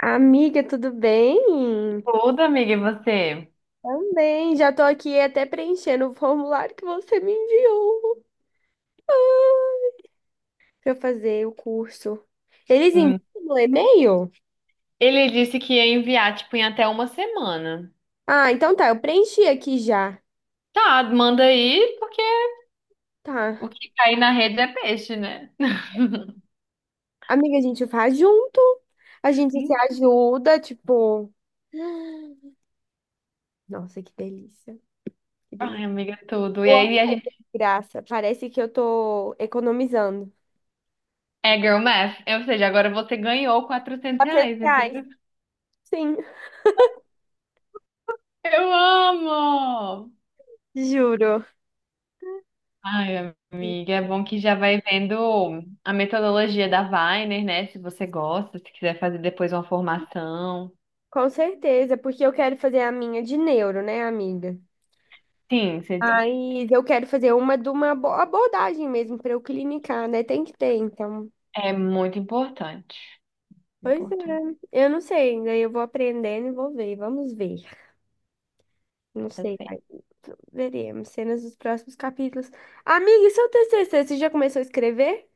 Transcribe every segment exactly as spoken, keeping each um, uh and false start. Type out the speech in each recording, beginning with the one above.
Amiga, tudo bem? Tudo, amiga, e você? Também, já tô aqui até preenchendo o formulário que você me enviou para fazer o curso. Eles enviam Hum. no e-mail? Ele disse que ia enviar, tipo, em até uma semana. Ah, então tá, eu preenchi aqui já. Tá, manda aí, porque Tá. o que cair na rede é peixe, né? Amiga, a gente faz junto, a gente se Então, ajuda, tipo. Nossa, que delícia, que ai, delícia. amiga, é tudo. E Boa. aí a gente. Graça, parece que eu tô economizando. É girl math. Ou seja, agora você ganhou quatrocentos reais, Reais, entendeu? sim, Eu amo! juro. Ai, amiga, é bom que já vai vendo a metodologia da Weiner, né? Se você gosta, se quiser fazer depois uma formação. Com certeza, porque eu quero fazer a minha de neuro, né, amiga? Sim, você diz. Mas eu quero fazer uma de uma abo- abordagem mesmo para eu clinicar, né? Tem que ter, então. É muito importante. Pois Importante. é, eu não sei ainda, eu vou aprendendo e vou ver, vamos ver. Não sei, ai, veremos, cenas dos próximos capítulos. Amiga, e seu T C C, você já começou a escrever?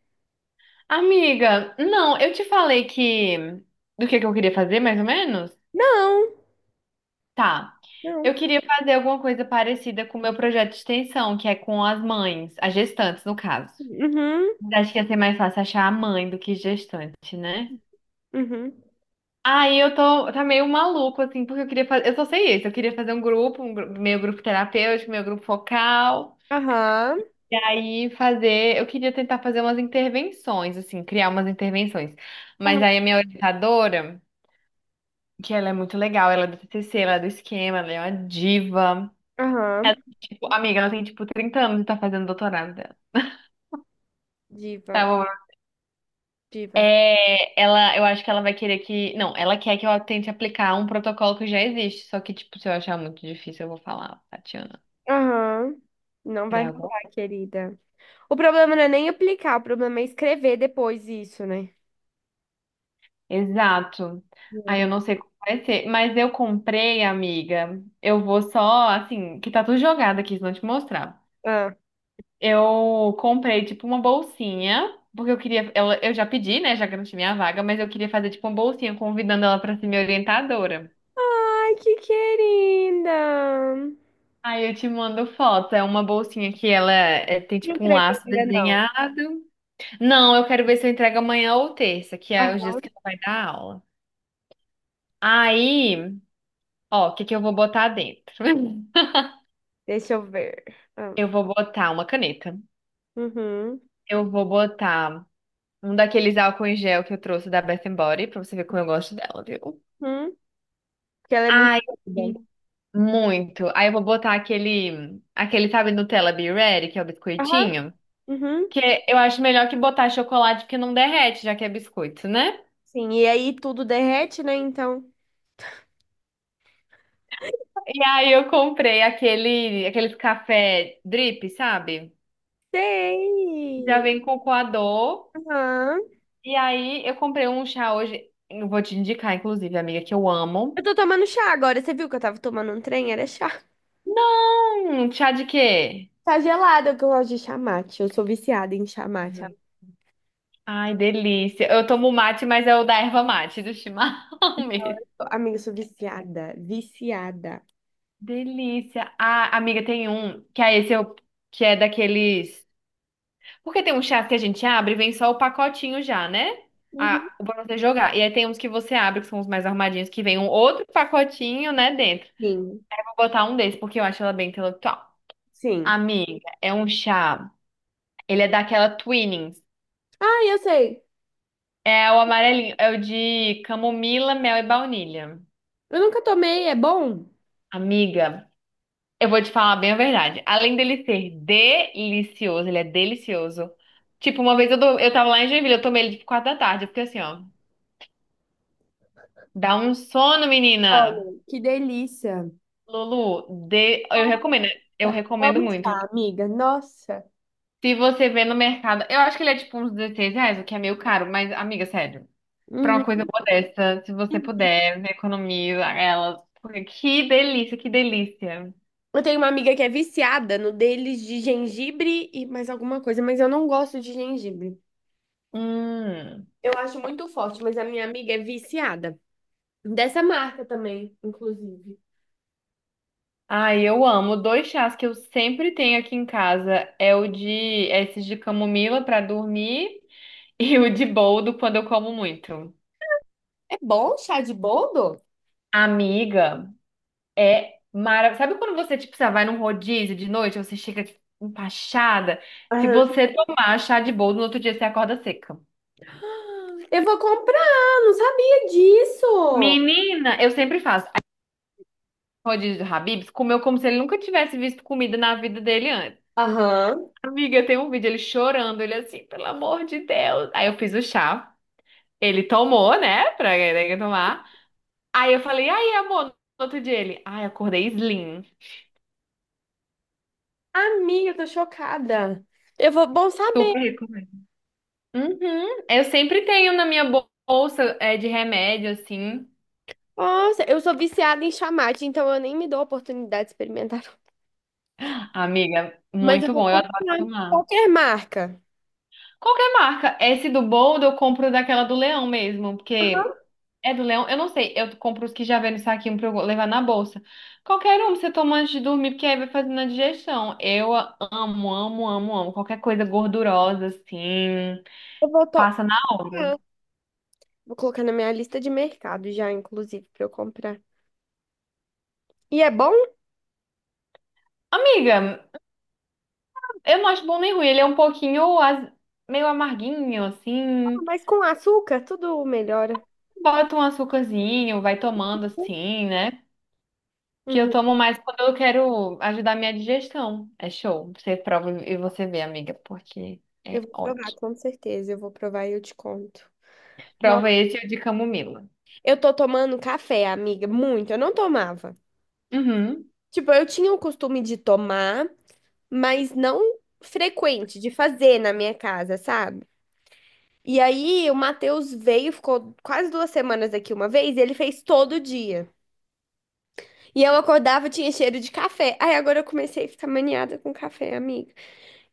Amiga, não, eu te falei que do que que eu queria fazer, mais ou menos? Não, Tá. não. Eu queria fazer alguma coisa parecida com o meu projeto de extensão, que é com as mães, as gestantes, no caso. Uhum, Acho que ia ser mais fácil achar a mãe do que gestante, né? uhum. Aí eu tô, tá meio maluco, assim, porque eu queria fazer. Eu só sei isso, eu queria fazer um grupo, um gru- meu grupo terapêutico, meu grupo focal. Aham, E aí fazer, eu queria tentar fazer umas intervenções, assim, criar umas intervenções. Mas aham, aí a minha orientadora, que ela é muito legal, ela é do T C C, ela é do esquema, ela é uma diva. aham. Tipo, amiga, ela tem tipo trinta anos e tá fazendo doutorado dela. Diva, Tá bom. diva. É, ela, eu acho que ela vai querer que. Não, ela quer que eu tente aplicar um protocolo que já existe. Só que, tipo, se eu achar muito difícil, eu vou falar, Tatiana. Aham. Não vai Criar algum? rolar, querida. O problema não é nem aplicar, o problema é escrever depois isso, né? Exato. Aí eu Juro. não sei como vai ser. Mas eu comprei, amiga. Eu vou só, assim, que tá tudo jogado aqui, se não te mostrar. Ah. Eu comprei, tipo, uma bolsinha, porque eu queria. Eu, eu já pedi, né? Já garanti minha vaga, mas eu queria fazer, tipo, uma bolsinha, convidando ela pra ser minha orientadora. Ai, que querida! Aí eu te mando foto. É uma bolsinha que ela é, tem, Não tipo, um creio laço ainda não. desenhado. Não, eu quero ver se eu entrego amanhã ou terça, que é os dias Aham. que ela vai dar aula. Aí, ó, o que que eu vou botar dentro? Deixa eu ver. Ah, Eu vou botar uma caneta. uhum. Eu vou botar um daqueles álcool em gel que eu trouxe da Bath Body, pra você ver como eu gosto dela, viu? Uhum. Porque ela é muito Aí. querida. Muito. Aí eu vou botar aquele, aquele, sabe, Nutella Be Ready, que é o Aham. biscoitinho. Uhum. Que eu acho melhor que botar chocolate porque não derrete, já que é biscoito, né? Sim, e aí tudo derrete, né? Então. E aí eu comprei aquele, aqueles café drip, sabe? Já Sei! vem com coador. Aham. E aí eu comprei um chá hoje. Eu vou te indicar, inclusive, amiga, que eu Eu amo. tô tomando chá agora. Você viu que eu tava tomando um trem? Era chá. Não! Chá de quê? Tá gelado, que eu gosto de chá mate. Eu sou viciada em chá mate. Uhum. Ai, delícia. Eu tomo mate, mas é o da erva mate, do chimarrão mesmo. Amiga, eu sou viciada. Viciada. Delícia. Ah, amiga, tem um que é esse eu, que é daqueles. Porque tem um chás que a gente abre e vem só o pacotinho já, né? Uhum. Ah, o pra você jogar. E aí tem uns que você abre, que são os mais armadinhos, que vem um outro pacotinho, né, dentro. Sim, Eu vou botar um desse, porque eu acho ela bem intelectual. sim. Amiga, é um chá. Ele é daquela Twinings. Ah, eu sei. É o amarelinho, é o de camomila, mel e baunilha. Eu nunca tomei, é bom? Amiga. Eu vou te falar bem a verdade. Além dele ser delicioso, ele é delicioso. Tipo, uma vez eu, do- eu tava lá em Joinville, eu tomei ele tipo quatro da tarde, porque assim, ó, dá um sono, menina. Olha, que delícia. Lulu, de... eu recomendo, eu recomendo Vamos muito. lá, amiga. Nossa. Se você vê no mercado, eu acho que ele é tipo uns dezesseis reais, o que é meio caro, mas amiga, sério, pra Uhum. uma coisa boa dessa, se você puder, economiza ela. Porque que delícia, que delícia. Eu tenho uma amiga que é viciada no deles de gengibre e mais alguma coisa, mas eu não gosto de gengibre. Hum. Eu acho muito forte, mas a minha amiga é viciada. Dessa marca também, inclusive. Ai, eu amo. Dois chás que eu sempre tenho aqui em casa é o de é esses de camomila para dormir e o de boldo quando eu como muito. É bom chá de boldo? Amiga, é maravilhoso. Sabe quando você tipo, você vai num rodízio de noite, você chega empachada? Se Aham. você tomar chá de boldo, no outro dia você acorda seca. Eu vou comprar, não sabia disso. Menina, eu sempre faço. Aí, o rodízio do Habib's comeu como se ele nunca tivesse visto comida na vida dele antes. Aham. Amiga, tem um vídeo ele chorando, ele assim, pelo amor de Deus. Aí eu fiz o chá. Ele tomou, né? Pra ele tomar. Aí eu falei, aí, amor, no outro dia ele, ai, acordei slim. Amiga, eu tô chocada. Eu vou, bom saber. Super recomendo. Uhum. Eu sempre tenho na minha bolsa é, de remédio, assim. Nossa, eu sou viciada em chamate, então eu nem me dou a oportunidade de experimentar. Amiga, Mas eu muito vou bom, eu adoro comprar tomar. qualquer marca. Qualquer marca. Esse do Bold eu compro daquela do Leão mesmo, porque é do Leão, eu não sei, eu compro os que já vêm no saquinho pra eu levar na bolsa. Qualquer um você toma antes de dormir, porque aí vai fazendo a digestão. Eu amo, amo, amo, amo. Qualquer coisa gordurosa, assim. Eu vou to- Passa na hora. Comprar. Vou colocar na minha lista de mercado já, inclusive, pra eu comprar. E é bom, Amiga, eu não acho bom nem ruim. Ele é um pouquinho az- meio amarguinho, assim. mas com açúcar tudo melhora. Bota um açúcarzinho, vai tomando assim, né? Que eu Uhum. tomo mais quando eu quero ajudar a minha digestão. É show. Você prova e você vê, amiga, porque Eu é vou provar, ótimo. com certeza. Eu vou provar e eu te conto. Nossa. Prova esse e o de camomila. Eu tô tomando café, amiga, muito. Eu não tomava. Uhum. Tipo, eu tinha o costume de tomar, mas não frequente, de fazer na minha casa, sabe? E aí, o Matheus veio, ficou quase duas semanas aqui uma vez, e ele fez todo dia. E eu acordava, tinha cheiro de café. Aí agora eu comecei a ficar maniada com café, amiga.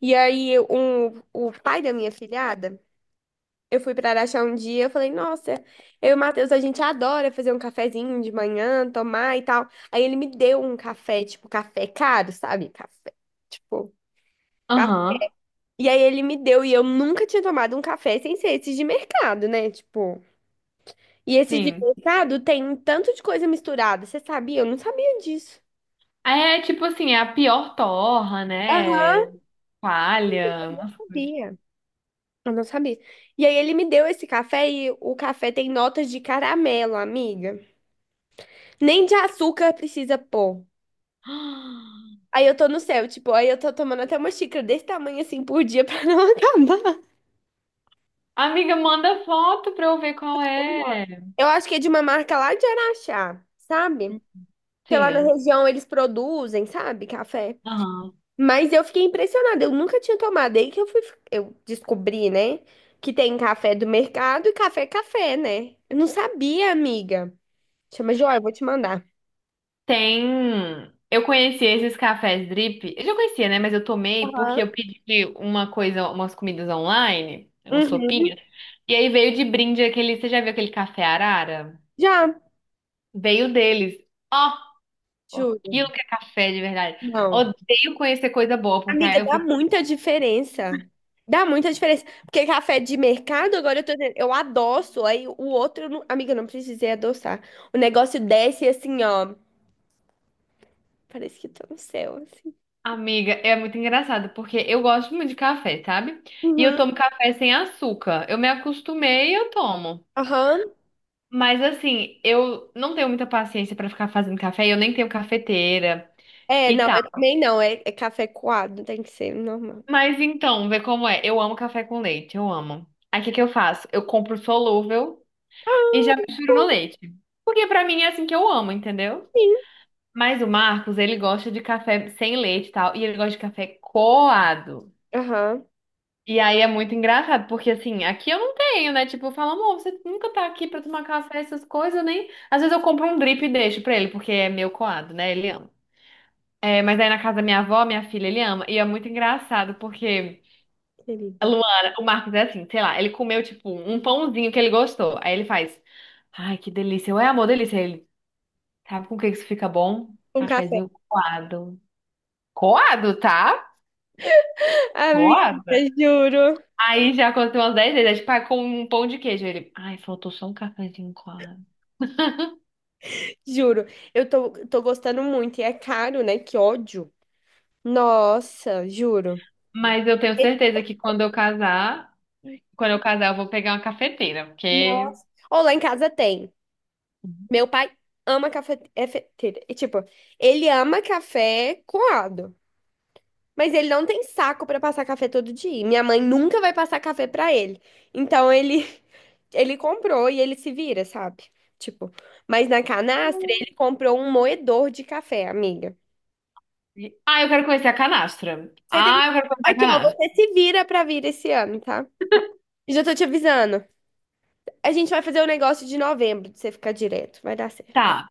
E aí, um, o pai da minha filhada, eu fui pra Araxá um dia, eu falei, nossa, eu e o Matheus, a gente adora fazer um cafezinho de manhã, tomar e tal. Aí ele me deu um café, tipo, café caro, sabe? Café, tipo... ca- Aham. E aí ele me deu, e eu nunca tinha tomado um café sem ser esse de mercado, né? Tipo... E esse de Sim. mercado tem um tanto de coisa misturada, você sabia? Eu não sabia disso. É tipo assim, é a pior torra, Aham. né? Palha, umas coisas. Sabia. Eu não sabia. E aí ele me deu esse café e o café tem notas de caramelo, amiga. Nem de açúcar precisa pôr. Aí eu tô no céu, tipo, aí eu tô tomando até uma xícara desse tamanho assim por dia pra não acabar. Amiga, manda foto pra eu ver qual é. Eu acho que é de uma marca lá de Araxá, sabe? Porque lá na Sim. região eles produzem, sabe, café. Aham. Mas eu fiquei impressionada, eu nunca tinha tomado. Aí que eu fui, eu descobri, né, que tem café do mercado e café é café, né? Eu não sabia, amiga. Chama Joia, eu vou te mandar. Tem. Eu conheci esses cafés drip. Eu já conhecia, né? Mas eu tomei porque Aham. eu pedi uma coisa, umas comidas online, umas Uhum. sopinhas. E aí veio de brinde aquele. Você já viu aquele café Arara? Já, Veio deles. Ó, aquilo juro. que é café de verdade. Não. Odeio conhecer coisa boa, porque Amiga, aí eu dá fico. muita diferença. Dá muita diferença. Porque café de mercado, agora eu tô dizendo, eu adoço, aí o outro, eu não- amiga, eu não precisei adoçar. O negócio desce assim, ó. Parece que tô no céu, assim. Amiga, é muito engraçado, porque eu gosto muito de café, sabe? E eu Uhum. tomo café sem açúcar. Eu me acostumei e eu tomo. Aham. Mas assim, eu não tenho muita paciência pra ficar fazendo café, eu nem tenho cafeteira É, e não, tal. eu também não. É, é café coado, tem que ser normal. Mas então, vê como é. Eu amo café com leite, eu amo. Aí o que que eu faço? Eu compro solúvel e já Ah, misturo no leite. Porque pra mim é assim que eu amo, entendeu? sim. Mas o Marcos, ele gosta de café sem leite e tal, e ele gosta de café coado. Aham, E aí é muito engraçado, porque assim, aqui eu não tenho, né? Tipo, eu falo, amor, você nunca tá aqui pra tomar café, essas coisas, nem. Às vezes eu compro um drip e deixo pra ele, porque é meu coado, né? Ele ama. É, mas aí na casa da minha avó, minha filha, ele ama. E é muito engraçado, porque a querida. Luana, o Marcos é assim, sei lá, ele comeu, tipo, um pãozinho que ele gostou. Aí ele faz, ai, que delícia. Eu, é amor, delícia. Aí ele, sabe com o que isso fica bom? Um café. Cafezinho coado. Coado, tá? Coado. Amiga, juro, Aí já aconteceu umas dez vezes, é tipo, ah, com um pão de queijo. Aí ele, ai, faltou só um cafezinho coado. juro. Eu tô, tô gostando muito. E é caro, né? Que ódio. Nossa, juro. Mas eu tenho certeza que quando eu casar, quando eu casar, eu vou pegar uma cafeteira, porque... Nossa. Ou lá em casa tem. Meu pai ama café. É, fe- te- é, tipo, ele ama café coado. Mas ele não tem saco pra passar café todo dia. E minha mãe nunca vai passar café pra ele. Então ele ele comprou e ele se vira, sabe? Tipo, mas na canastra ele comprou um moedor de café, amiga. Ah, eu quero conhecer a canastra. Você tem Ah, eu quero conhecer a Aqui, ó, canastra. você se vira pra vir esse ano, tá? E já tô te avisando. A gente vai fazer o negócio de novembro, de você ficar direto. Vai dar certo. Tá,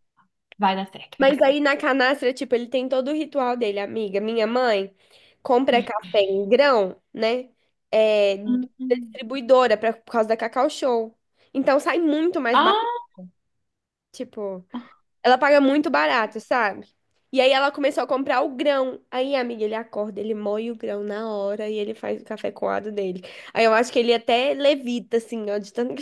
vai dar certo, vai dar Mas aí certo. na canastra, tipo, ele tem todo o ritual dele, amiga. Minha mãe compra café em grão, né? É, da Hum. distribuidora pra, por causa da Cacau Show. Então sai muito mais barato, Ah, tipo, ela paga muito barato, sabe? E aí ela começou a comprar o grão. Aí, amiga, ele acorda, ele moe o grão na hora e ele faz o café coado dele. Aí eu acho que ele é até levita, assim, ó, de tanto.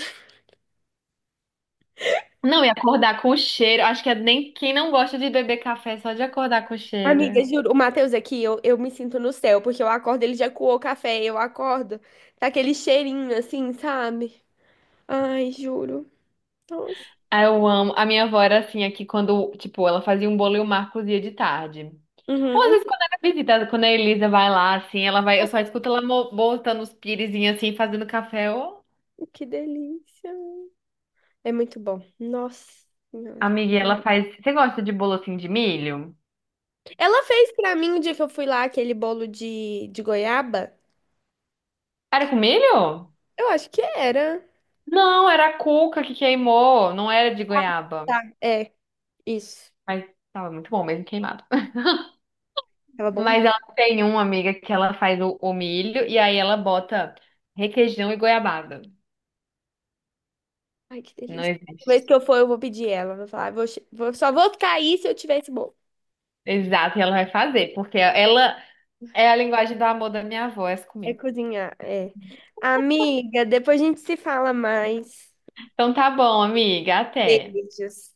não, e acordar com o cheiro. Acho que é nem quem não gosta de beber café é só de acordar com o Amiga, cheiro. juro, o Matheus aqui, eu, eu me sinto no céu, porque eu acordo, ele já coou o café, eu acordo, tá aquele cheirinho assim, sabe? Ai, juro. Nossa. Ah, eu amo. A minha avó era assim aqui quando, tipo, ela fazia um bolo e o Marcos ia de tarde. Ou às Uhum. vezes quando ela visita, quando a Elisa vai lá, assim, ela vai, eu só escuto ela mo- botando os piresinhos assim, fazendo café. Ô, Que delícia. É muito bom. Nossa Senhora. amiga, e ela faz. Você gosta de bolo assim de milho? Ela fez pra mim o dia que eu fui lá aquele bolo de, de goiaba. Era com milho? Eu acho que era. Não, era a cuca que queimou, não era de goiaba. Tá, é, isso. Mas tava muito bom mesmo queimado. Tava bom? Mas ela tem uma amiga que ela faz o, o milho e aí ela bota requeijão e goiabada. Ai, que Não delícia. Toda vez existe. que eu for, eu vou pedir ela. Vou falar, "Ah, vou, che- vou- só vou ficar aí se eu tiver esse bolo." Exato, e ela vai fazer, porque ela é a linguagem do amor da minha avó, essa É comida. cozinhar, é. Amiga, depois a gente se fala mais. Então tá bom, amiga, até. Beijos.